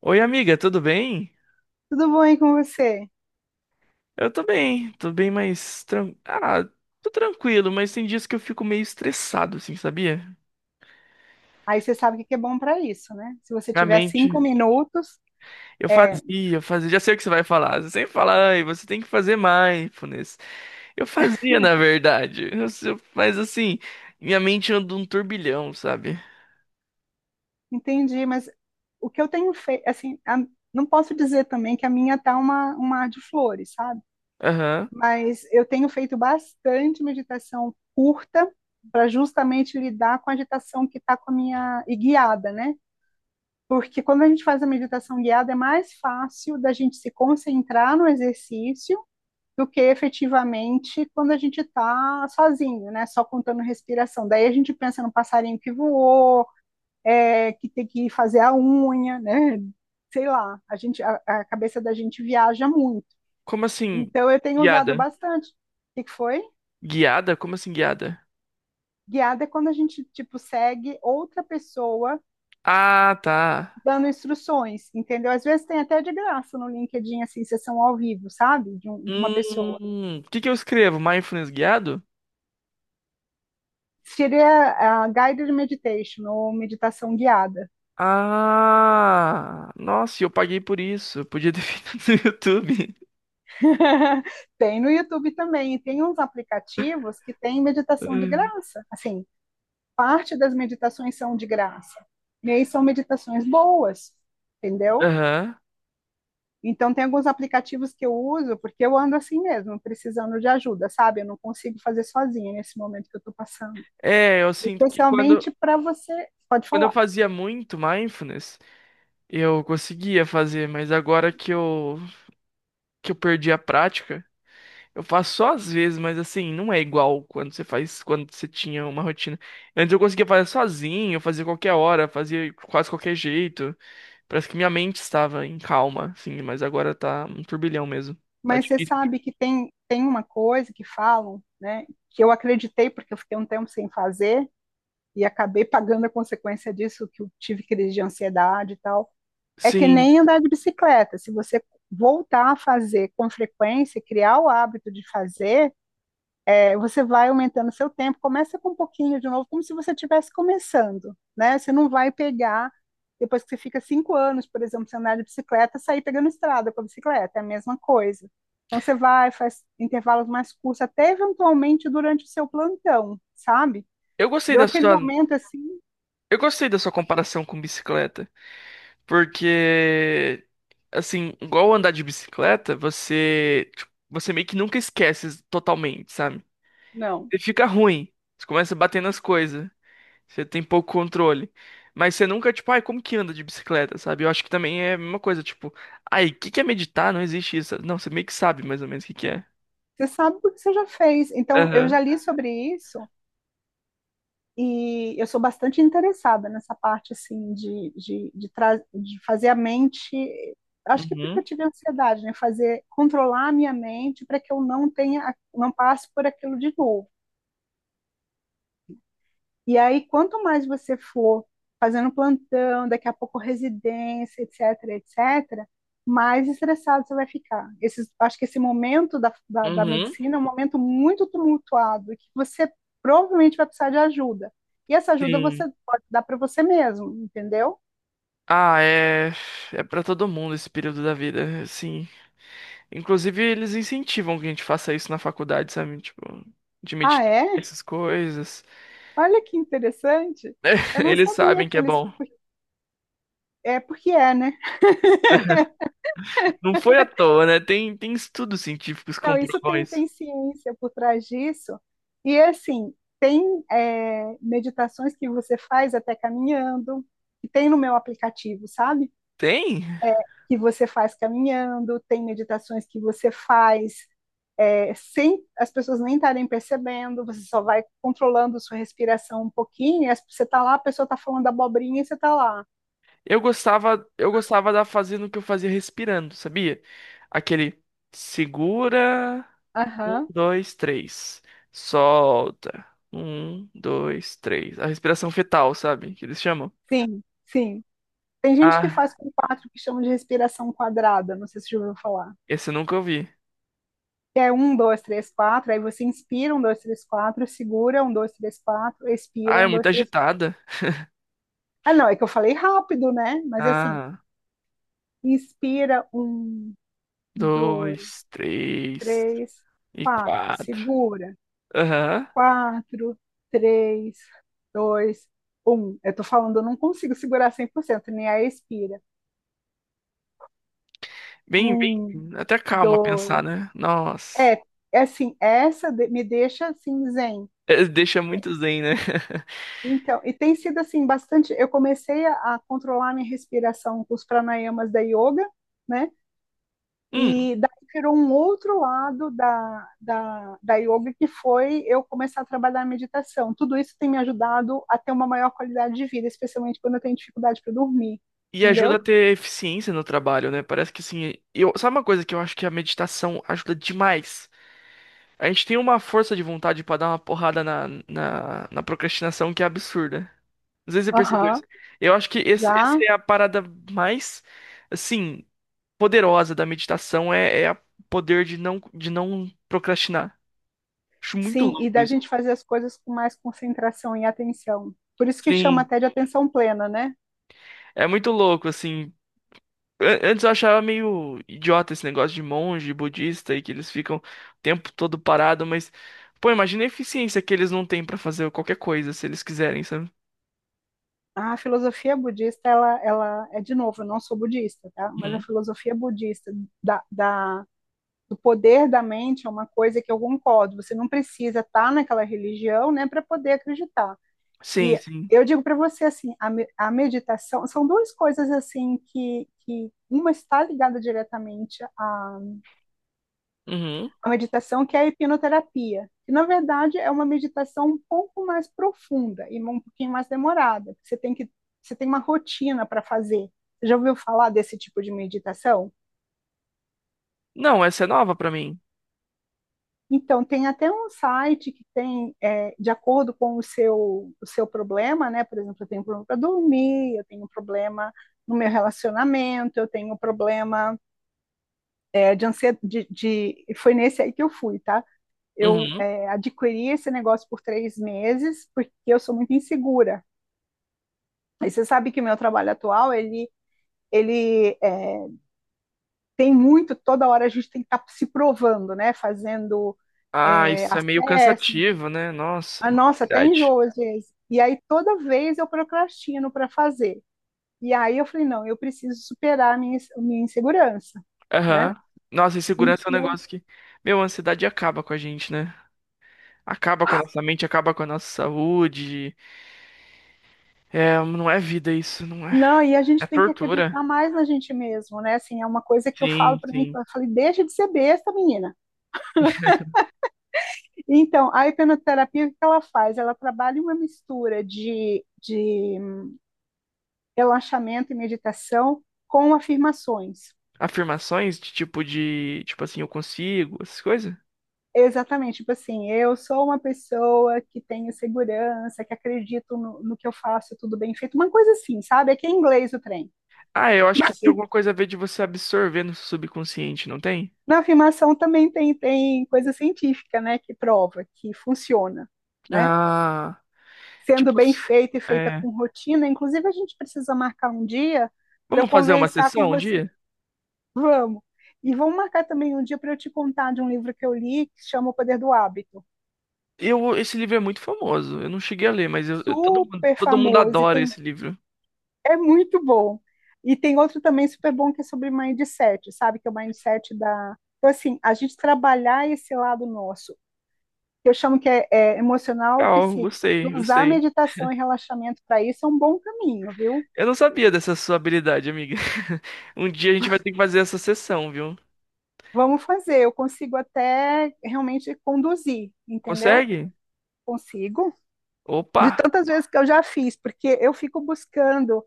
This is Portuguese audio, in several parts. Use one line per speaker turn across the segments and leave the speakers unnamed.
Oi, amiga, tudo bem?
Tudo bom aí com você?
Eu tô bem, mas. Ah, tô tranquilo, mas tem dias que eu fico meio estressado, assim, sabia?
Aí você sabe o que que é bom para isso, né? Se você
Minha
tiver
mente.
5 minutos,
Eu
é,
fazia, eu fazia. Já sei o que você vai falar. Você sempre fala, ai, você tem que fazer mindfulness. Eu fazia, na verdade. Eu se- Mas assim, minha mente anda um turbilhão, sabe?
entendi, mas o que eu tenho feito, assim, não posso dizer também que a minha tá um mar de flores, sabe?
Aham.
Mas eu tenho feito bastante meditação curta para justamente lidar com a agitação que está com a minha, e guiada, né? Porque quando a gente faz a meditação guiada, é mais fácil da gente se concentrar no exercício do que efetivamente quando a gente está sozinho, né? Só contando respiração. Daí a gente pensa no passarinho que voou, que tem que fazer a unha, né? Sei lá, a cabeça da gente viaja muito.
Como assim?
Então eu tenho usado
Guiada.
bastante. O que foi?
Guiada? Como assim, guiada?
Guiada é quando a gente, tipo, segue outra pessoa
Ah, tá.
dando instruções, entendeu? Às vezes tem até de graça no LinkedIn, assim, sessão ao vivo, sabe? De uma pessoa.
Hum. O que que eu escrevo? Mindfulness guiado?
Seria a guided meditation, ou meditação guiada.
Ah, nossa, e eu paguei por isso. Eu podia ter feito no YouTube.
Tem no YouTube também, e tem uns aplicativos que tem meditação de graça. Assim, parte das meditações são de graça, e aí são meditações boas, entendeu?
Aham.
Então, tem alguns aplicativos que eu uso, porque eu ando assim mesmo, precisando de ajuda, sabe? Eu não consigo fazer sozinha nesse momento que eu estou passando.
É, eu sinto que quando,
Especialmente para você, pode
quando eu
falar,
fazia muito mindfulness, eu conseguia fazer, mas agora que eu perdi a prática, eu faço só às vezes, mas assim, não é igual quando você faz, quando você tinha uma rotina. Antes eu conseguia fazer sozinho, fazer qualquer hora, fazer quase qualquer jeito. Parece que minha mente estava em calma, assim, mas agora tá um turbilhão mesmo. Tá
mas você
difícil.
sabe que tem uma coisa que falam, né? Que eu acreditei, porque eu fiquei um tempo sem fazer, e acabei pagando a consequência disso, que eu tive crise de ansiedade e tal. É que
Sim.
nem andar de bicicleta. Se você voltar a fazer com frequência, criar o hábito de fazer, você vai aumentando o seu tempo. Começa com um pouquinho de novo, como se você estivesse começando, né? Você não vai pegar depois que você fica 5 anos, por exemplo, sem andar de bicicleta, sair pegando estrada com a bicicleta, é a mesma coisa. Então você vai, faz intervalos mais curtos, até eventualmente durante o seu plantão, sabe?
Eu gostei
Deu
da
aquele
sua,
momento assim,
eu gostei da sua comparação com bicicleta, porque assim, igual andar de bicicleta, você, tipo, você meio que nunca esquece totalmente, sabe?
não.
Você fica ruim, você começa a bater nas coisas, você tem pouco controle, mas você nunca tipo, ai, como que anda de bicicleta, sabe? Eu acho que também é a mesma coisa, tipo, ai, o que que é meditar? Não existe isso. Não, você meio que sabe mais ou menos o que que é.
Você sabe porque você já fez. Então, eu já
Aham.
li sobre isso e eu sou bastante interessada nessa parte, assim, de fazer a mente. Acho que porque
Uhum.
eu tive ansiedade, né? Fazer, controlar a minha mente para que eu não tenha, não passe por aquilo de novo. E aí, quanto mais você for fazendo plantão, daqui a pouco residência, etc, etc, mais estressado você vai ficar. Esses, acho que esse momento da
Uhum.
medicina é um momento muito tumultuado, que você provavelmente vai precisar de ajuda. E essa ajuda você
Sim.
pode dar para você mesmo, entendeu?
Ah, é. É pra todo mundo esse período da vida, sim. Inclusive, eles incentivam que a gente faça isso na faculdade, sabe? Tipo, de
Ah,
meditar,
é?
essas coisas.
Olha que interessante. Eu não
Eles
sabia
sabem que
que
é
eles.
bom.
É porque é, né?
Não foi à toa, né? Tem, tem estudos científicos que
Não, isso
comprovam
tem,
isso.
tem ciência por trás disso. E assim, tem meditações que você faz até caminhando, que tem no meu aplicativo, sabe?
Tem?
Que você faz caminhando, tem meditações que você faz sem as pessoas nem estarem percebendo, você só vai controlando sua respiração um pouquinho, e você tá lá, a pessoa tá falando abobrinha e você tá lá.
Eu gostava da fazendo o que eu fazia respirando, sabia? Aquele segura, um,
Aham,
dois, três. Solta. Um, dois, três. A respiração fetal, sabe? Que eles chamam.
sim, sim. Tem gente que
Ah,
faz com quatro que chamam de respiração quadrada, não sei se você já ouviu falar.
esse eu nunca ouvi.
É um, dois, três, quatro, aí você inspira, um, dois, três, quatro, segura, um, dois, três, quatro,
Ah,
expira,
é
um,
muito
dois, três, quatro.
agitada.
Ah, não, é que eu falei rápido, né? Mas é assim,
Ah.
inspira, um, dois,
Dois, três
três,
e
quatro,
quatro.
segura,
Aham.
quatro, três, dois, um. Eu tô falando, eu não consigo segurar 100% nem a expira.
Bem, bem.
Um,
Até calma pensar,
dois,
né? Nossa.
é, é assim, essa me deixa assim, zen.
É, deixa muito zen, né?
Então, e tem sido assim bastante. Eu comecei a controlar minha respiração com os pranayamas da yoga, né?
Hum,
E daí virou um outro lado da yoga, que foi eu começar a trabalhar a meditação. Tudo isso tem me ajudado a ter uma maior qualidade de vida, especialmente quando eu tenho dificuldade para dormir,
e ajuda a
entendeu?
ter eficiência no trabalho, né? Parece que assim, eu, sabe uma coisa que eu acho que a meditação ajuda demais? A gente tem uma força de vontade pra dar uma porrada na procrastinação que é absurda. Às vezes você percebeu
Aham,
isso. Eu acho que essa
já,
é a parada mais, assim, poderosa da meditação é o poder de não procrastinar. Acho muito
sim, e
louco
da
isso.
gente fazer as coisas com mais concentração e atenção. Por isso que chama
Sim,
até de atenção plena, né?
é muito louco, assim. Antes eu achava meio idiota esse negócio de monge, budista e que eles ficam o tempo todo parado, mas, pô, imagina a eficiência que eles não têm pra fazer qualquer coisa se eles quiserem, sabe?
A filosofia budista, ela é, de novo, eu não sou budista, tá? Mas a
Uhum.
filosofia budista da, da, do poder da mente é uma coisa que eu concordo. Você não precisa estar naquela religião, né, para poder acreditar.
Sim,
E
sim.
eu digo para você assim, a meditação são duas coisas assim que uma está ligada diretamente à
Uhum.
a meditação que é a hipnoterapia, que na verdade é uma meditação um pouco mais profunda e um pouquinho mais demorada, porque você tem uma rotina para fazer. Você já ouviu falar desse tipo de meditação?
Não, essa é nova pra mim.
Então, tem até um site que tem, de acordo com o seu problema, né? Por exemplo, eu tenho um problema para dormir, eu tenho um problema no meu relacionamento, eu tenho um problema de ansiedade. Foi nesse aí que eu fui, tá? eu
Uhum.
é, adquiri esse negócio por 3 meses porque eu sou muito insegura. E você sabe que o meu trabalho atual, ele tem muito, toda hora a gente tem que estar se provando, né? Fazendo
Ah, isso é meio
acesso.
cansativo, né? Nossa,
A nossa, até
verdade.
enjoo às vezes. E aí toda vez eu procrastino para fazer. E aí eu falei, não, eu preciso superar a minha insegurança, né?
Aham. Nossa, insegurança é um
Então,
negócio que. Meu, a ansiedade acaba com a gente, né? Acaba com a nossa mente, acaba com a nossa saúde. É, não é vida isso, não é.
não, e a
É
gente tem que
tortura.
acreditar mais na gente mesmo, né? Assim, é uma coisa que eu
Sim,
falo para mim,
sim.
eu falei, deixa de ser besta, menina. Então, a hipnoterapia, o que ela faz? Ela trabalha uma mistura de relaxamento e meditação com afirmações.
Afirmações de. Tipo assim, eu consigo, essas coisas.
Exatamente, tipo assim, eu sou uma pessoa que tenho segurança, que acredito no que eu faço, tudo bem feito, uma coisa assim, sabe? É que é inglês o trem.
Ah, eu acho que
Mas
tem alguma coisa a ver de você absorver no subconsciente, não tem?
na afirmação também tem coisa científica, né, que prova que funciona, né?
Ah,
Sendo
tipo.
bem feita e feita
É.
com rotina, inclusive a gente precisa marcar um dia para eu
Vamos fazer uma
conversar com
sessão um
você.
dia?
Vamos. E vamos marcar também um dia para eu te contar de um livro que eu li que chama O Poder do Hábito.
Eu, esse livro é muito famoso. Eu não cheguei a ler, mas todo mundo,
Super
todo mundo
famoso e
adora
tem
esse livro.
é muito bom. E tem outro também super bom que é sobre mindset, sabe? Que é o mindset da. Então, assim, a gente trabalhar esse lado nosso, que eu chamo que é emocional ou
Legal,
psíquico, e
gostei,
usar a
gostei.
meditação e relaxamento para isso é um bom caminho, viu?
Eu não sabia dessa sua habilidade, amiga. Um dia a gente vai ter que fazer essa sessão, viu?
Vamos fazer, eu consigo até realmente conduzir, entendeu?
Consegue?
Consigo. De
Opa!
tantas vezes que eu já fiz, porque eu fico buscando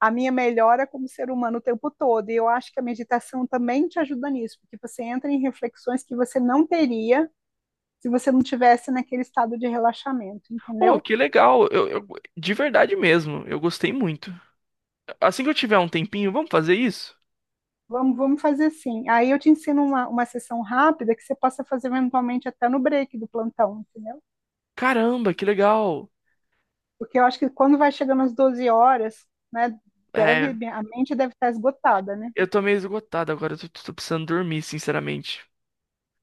a minha melhora como ser humano o tempo todo. E eu acho que a meditação também te ajuda nisso, porque você entra em reflexões que você não teria se você não tivesse naquele estado de relaxamento,
Oh,
entendeu?
que legal! De verdade mesmo, eu gostei muito. Assim que eu tiver um tempinho, vamos fazer isso?
Vamos, vamos fazer assim. Aí eu te ensino uma sessão rápida que você possa fazer eventualmente até no break do plantão, entendeu?
Caramba, que legal!
Porque eu acho que quando vai chegando às 12 horas, né,
É,
a mente deve estar esgotada, né?
eu tô meio esgotado agora, eu tô, precisando dormir, sinceramente.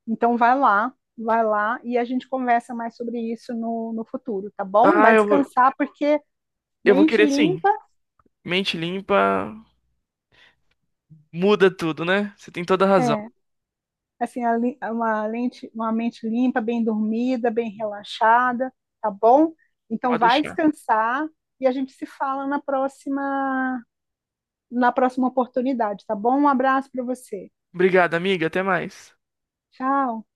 Então vai lá e a gente conversa mais sobre isso no futuro, tá bom?
Ah,
Vai descansar porque
eu vou
mente
querer sim.
limpa
Mente limpa muda tudo, né? Você tem toda a razão.
é assim a li- uma lente, uma mente limpa, bem dormida, bem relaxada, tá bom? Então
Pode
vai
deixar.
descansar e a gente se fala na próxima oportunidade, tá bom? Um abraço para você.
Obrigado, amiga, até mais.
Tchau.